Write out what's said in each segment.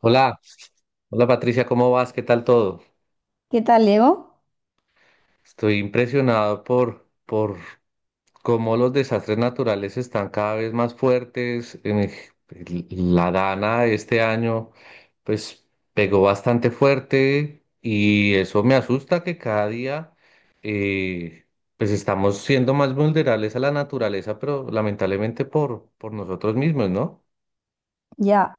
Hola, hola Patricia, ¿cómo vas? ¿Qué tal todo? ¿Qué tal, Diego? Estoy impresionado por cómo los desastres naturales están cada vez más fuertes. La Dana este año, pues, pegó bastante fuerte y eso me asusta que cada día, eh, pues, estamos siendo más vulnerables a la naturaleza, pero lamentablemente por nosotros mismos, ¿no? Ya,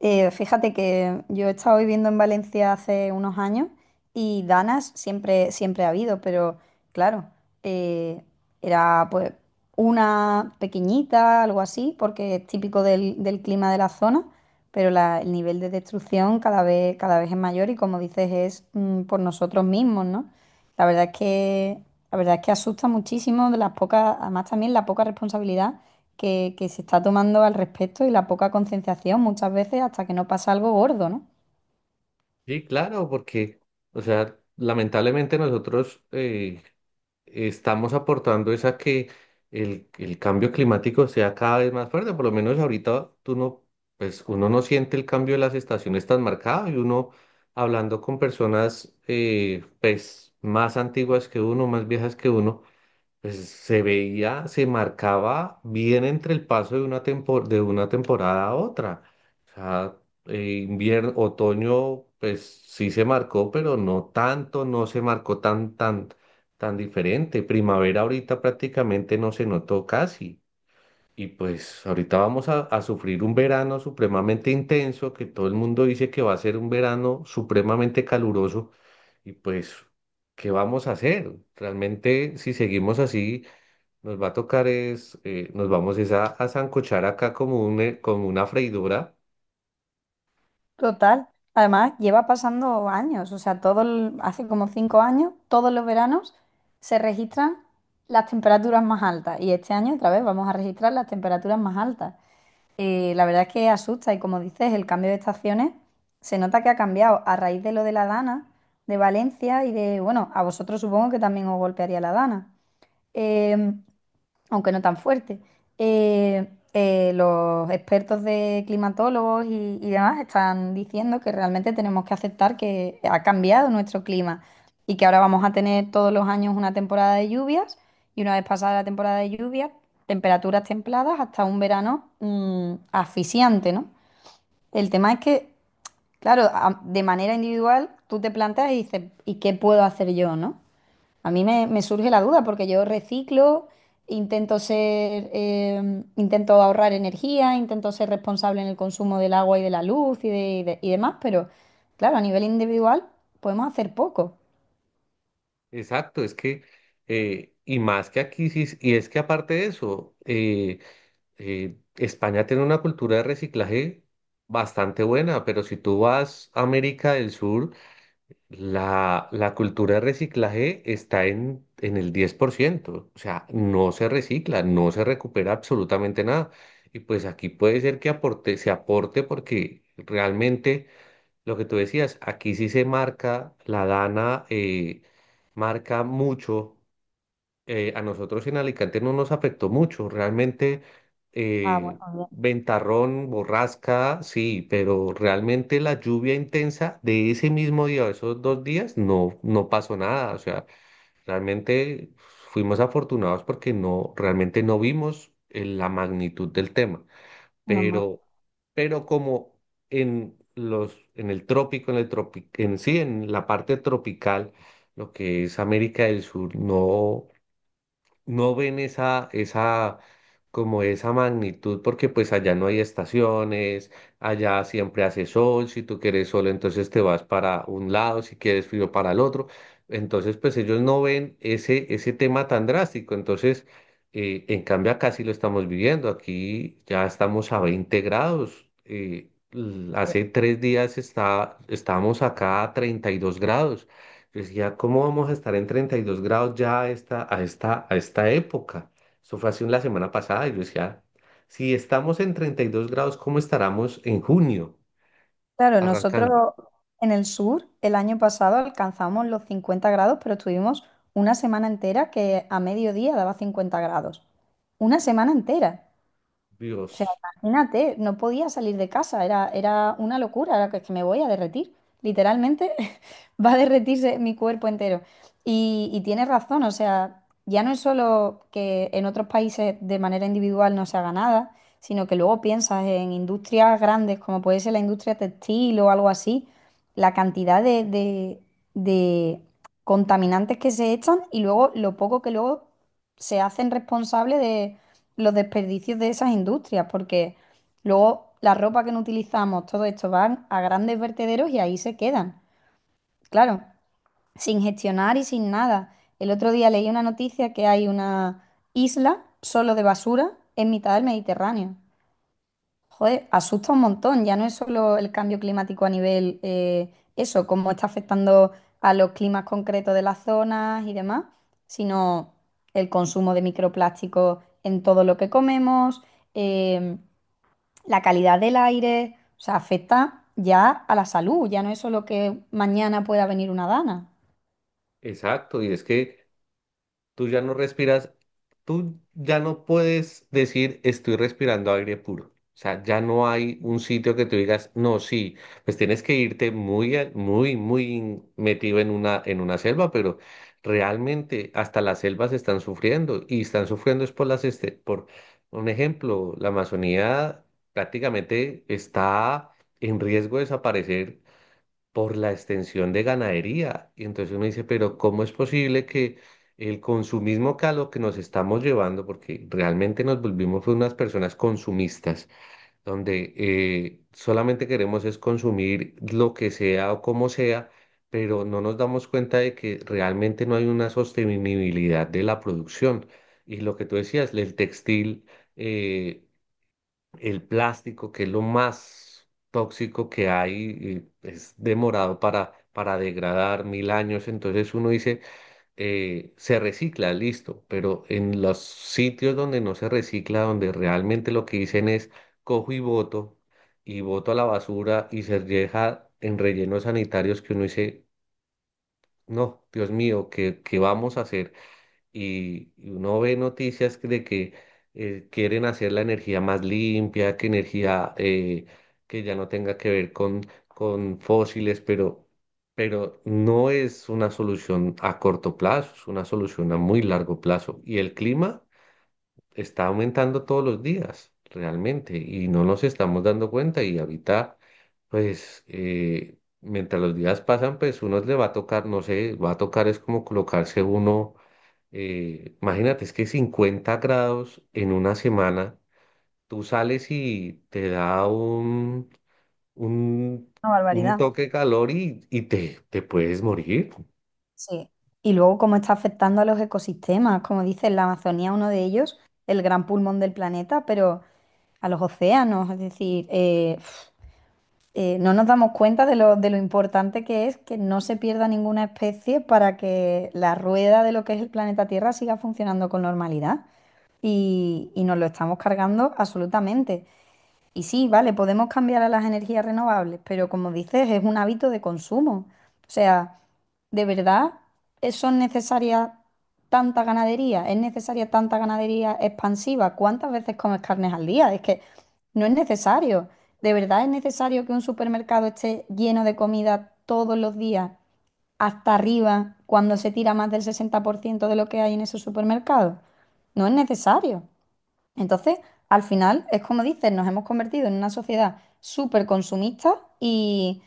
fíjate que yo he estado viviendo en Valencia hace unos años y danas siempre ha habido, pero claro, eh, era pues una pequeñita, algo así, porque es típico del clima de la zona, pero el nivel de destrucción cada vez es mayor y como dices, es por nosotros mismos, ¿no? La verdad es que, la verdad es que asusta muchísimo de las pocas, además también la poca responsabilidad que se está tomando al respecto y la poca concienciación muchas veces hasta que no pasa algo gordo, ¿no? Sí, claro, porque, o sea, lamentablemente nosotros estamos aportando es a que el cambio climático sea cada vez más fuerte. Por lo menos ahorita tú no, pues uno no siente el cambio de las estaciones tan marcado y uno hablando con personas pues más antiguas que uno, más viejas que uno pues se veía, se marcaba bien entre el paso de de una temporada a otra. O sea, invierno, otoño, pues sí se marcó, pero no tanto, no se marcó tan diferente. Primavera ahorita prácticamente no se notó casi. Y pues ahorita vamos a sufrir un verano supremamente intenso, que todo el mundo dice que va a ser un verano supremamente caluroso. Y pues, ¿qué vamos a hacer? Realmente, si seguimos así, nos va a tocar es, nos vamos es a sancochar acá como una freidora. Total. Además, lleva pasando años, o sea, hace como 5 años, todos los veranos se registran las temperaturas más altas y este año otra vez vamos a registrar las temperaturas más altas. La verdad es que asusta y como dices, el cambio de estaciones se nota que ha cambiado a raíz de lo de la Dana, de Valencia y de, bueno, a vosotros supongo que también os golpearía la Dana. Em, aunque no tan fuerte. Los expertos de climatólogos y demás están diciendo que realmente tenemos que aceptar que ha cambiado nuestro clima y que ahora vamos a tener todos los años una temporada de lluvias y una vez pasada la temporada de lluvias, temperaturas templadas hasta un verano asfixiante, ¿no? El tema es que, claro, de manera individual tú te planteas y dices, ¿y qué puedo hacer yo, no? A mí me surge la duda porque yo reciclo, intento ser, intento ahorrar energía, intento ser responsable en el consumo del agua y de la luz y demás, pero claro, a nivel individual podemos hacer poco. Exacto, es que, y más que aquí, sí, y es que aparte de eso, España tiene una cultura de reciclaje bastante buena, pero si tú vas a América del Sur, la cultura de reciclaje está en el 10%. O sea, no se recicla, no se recupera absolutamente nada. Y pues aquí puede ser que aporte, se aporte porque realmente lo que tú decías, aquí sí se marca, la DANA marca mucho a nosotros en Alicante no nos afectó mucho, realmente Ah, bueno, eh, bien, ventarrón, borrasca, sí, pero realmente la lluvia intensa de ese mismo día o esos dos días no, no pasó nada, o sea, realmente fuimos afortunados porque no, realmente no vimos la magnitud del tema, menos mal. pero, pero como en el trópico, en sí, en la parte tropical, lo que es América del Sur, no no ven esa, como esa magnitud, porque pues allá no hay estaciones, allá siempre hace sol, si tú quieres sol, entonces te vas para un lado, si quieres frío para el otro. Entonces, pues ellos no ven ese tema tan drástico. Entonces, en cambio acá sí lo estamos viviendo. Aquí ya estamos a 20 grados. Hace Porque 3 días estábamos acá a 32 grados. Yo decía, ¿cómo vamos a estar en 32 grados ya a esta época? Eso fue así la semana pasada y yo decía, si estamos en 32 grados, ¿cómo estaremos en junio claro, arrancando? nosotros en el sur el año pasado alcanzamos los 50 grados, pero estuvimos una semana entera que a mediodía daba 50 grados. Una semana entera. O sea, Dios, imagínate, no podía salir de casa, era, era una locura, era que me voy a derretir, literalmente va a derretirse mi cuerpo entero. Y tienes razón, o sea, ya no es solo que en otros países de manera individual no se haga nada, sino que luego piensas en industrias grandes como puede ser la industria textil o algo así, la cantidad de contaminantes que se echan y luego lo poco que luego se hacen responsables los desperdicios de esas industrias, porque luego la ropa que no utilizamos, todo esto van a grandes vertederos y ahí se quedan. Claro, sin gestionar y sin nada. El otro día leí una noticia que hay una isla solo de basura en mitad del Mediterráneo. Joder, asusta un montón. Ya no es solo el cambio climático a nivel eso, cómo está afectando a los climas concretos de las zonas y demás, sino el consumo de microplásticos en todo lo que comemos, eh, la calidad del aire, o sea, afecta ya a la salud. Ya no es solo que mañana pueda venir una dana. exacto. Y es que tú ya no respiras, tú ya no puedes decir estoy respirando aire puro. O sea, ya no hay un sitio que tú digas, no, sí, pues tienes que irte muy metido en una selva, pero realmente hasta las selvas están sufriendo y están sufriendo es por por un ejemplo, la Amazonía prácticamente está en riesgo de desaparecer por la extensión de ganadería. Y entonces uno dice, pero ¿cómo es posible que el consumismo que a lo que nos estamos llevando, porque realmente nos volvimos fue unas personas consumistas, donde solamente queremos es consumir lo que sea o como sea, pero no nos damos cuenta de que realmente no hay una sostenibilidad de la producción. Y lo que tú decías, el textil. eh, el plástico, que es lo más tóxico que hay, y es demorado para degradar mil años. Entonces uno dice, se recicla, listo, pero en los sitios donde no se recicla, donde realmente lo que dicen es cojo y boto a la basura y se deja en rellenos sanitarios que uno dice, no, Dios mío, qué vamos a hacer? Y uno ve de que quieren hacer la energía más limpia, que energía que ya no tenga que ver con fósiles, pero no es una solución a corto plazo, es una solución a muy largo plazo. Y el clima está aumentando todos los días, realmente, y no nos estamos dando cuenta y ahorita, pues... mientras los días pasan, pues uno le va a tocar, no sé, va a tocar es como colocarse uno imagínate, es que 50 grados en una semana, tú sales y te da un, Una un barbaridad. toque de calor y te puedes morir. Sí, y luego cómo está afectando a los ecosistemas, como dice la Amazonía, uno de ellos, el gran pulmón del planeta, pero a los océanos, es decir, no nos damos cuenta de lo importante que es que no se pierda ninguna especie para que la rueda de lo que es el planeta Tierra siga funcionando con normalidad. Y nos lo estamos cargando absolutamente. Y sí, vale, podemos cambiar a las energías renovables, pero como dices, es un hábito de consumo. O sea, ¿de verdad son necesarias tanta ganadería? ¿Es necesaria tanta ganadería expansiva? ¿Cuántas veces comes carnes al día? Es que no es necesario. ¿De verdad es necesario que un supermercado esté lleno de comida todos los días, hasta arriba, cuando se tira más del 60% de lo que hay en ese supermercado? No es necesario. Entonces, al final, es como dices, nos hemos convertido en una sociedad súper consumista y,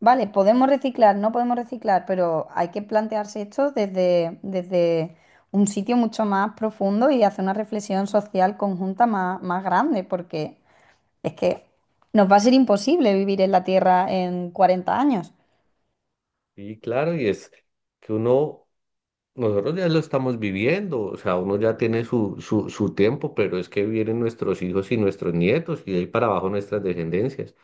vale, podemos reciclar, no podemos reciclar, pero hay que plantearse esto desde un sitio mucho más profundo y hacer una reflexión social conjunta más grande, porque es que nos va a ser imposible vivir en la Tierra en 40 años. Y claro, y es que uno, nosotros ya lo estamos viviendo, o sea, uno ya tiene su tiempo, pero es que vienen nuestros hijos y nuestros nietos y de ahí para abajo nuestras descendencias.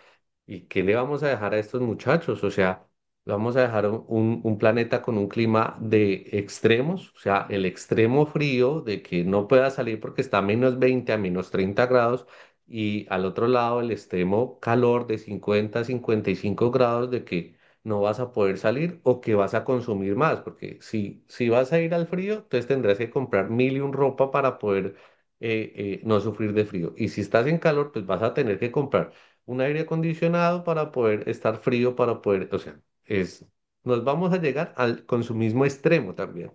¿Y qué le vamos a dejar a estos muchachos? O sea, le vamos a dejar un planeta con un clima de extremos, o sea, el extremo frío de que no pueda salir porque está a -20 a -30 grados, y al otro lado el extremo calor de 50 a 55 grados de que no vas a poder salir o que vas a consumir más, porque si vas a ir al frío, entonces tendrás que comprar mil y un ropa para poder no sufrir de frío. Y si estás en calor, pues vas a tener que comprar un aire acondicionado para poder estar frío, para poder, o sea, es, nos vamos a llegar al consumismo extremo también.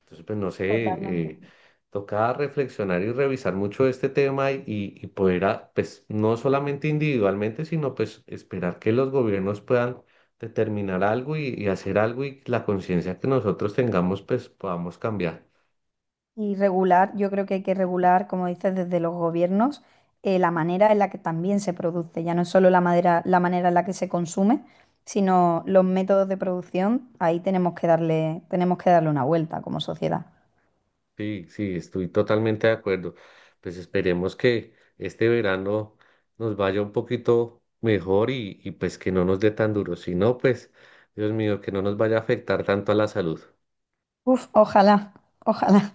Entonces, pues no sé, eh, Totalmente. toca reflexionar y revisar mucho este tema y poder, a- pues no solamente individualmente, sino pues esperar que los gobiernos puedan determinar algo y hacer algo y la conciencia que nosotros tengamos, pues podamos cambiar. Y regular, yo creo que hay que regular, como dices, desde los gobiernos, la manera en la que también se produce. Ya no es solo la madera, la manera en la que se consume, sino los métodos de producción. Ahí tenemos que darle una vuelta como sociedad. Sí, sí, estoy totalmente de acuerdo. Pues esperemos que este verano nos vaya un poquito mejor y pues que no nos dé tan duro. Si no, pues, Dios mío, que no nos vaya a afectar tanto a la salud. Uf, ojalá, ojalá.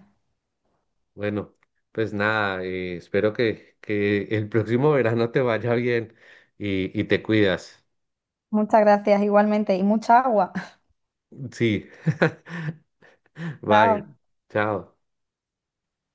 Bueno, pues nada, espero que el próximo verano te vaya bien y te cuidas. Muchas gracias igualmente y mucha agua. Sí, bye, Chao. chao.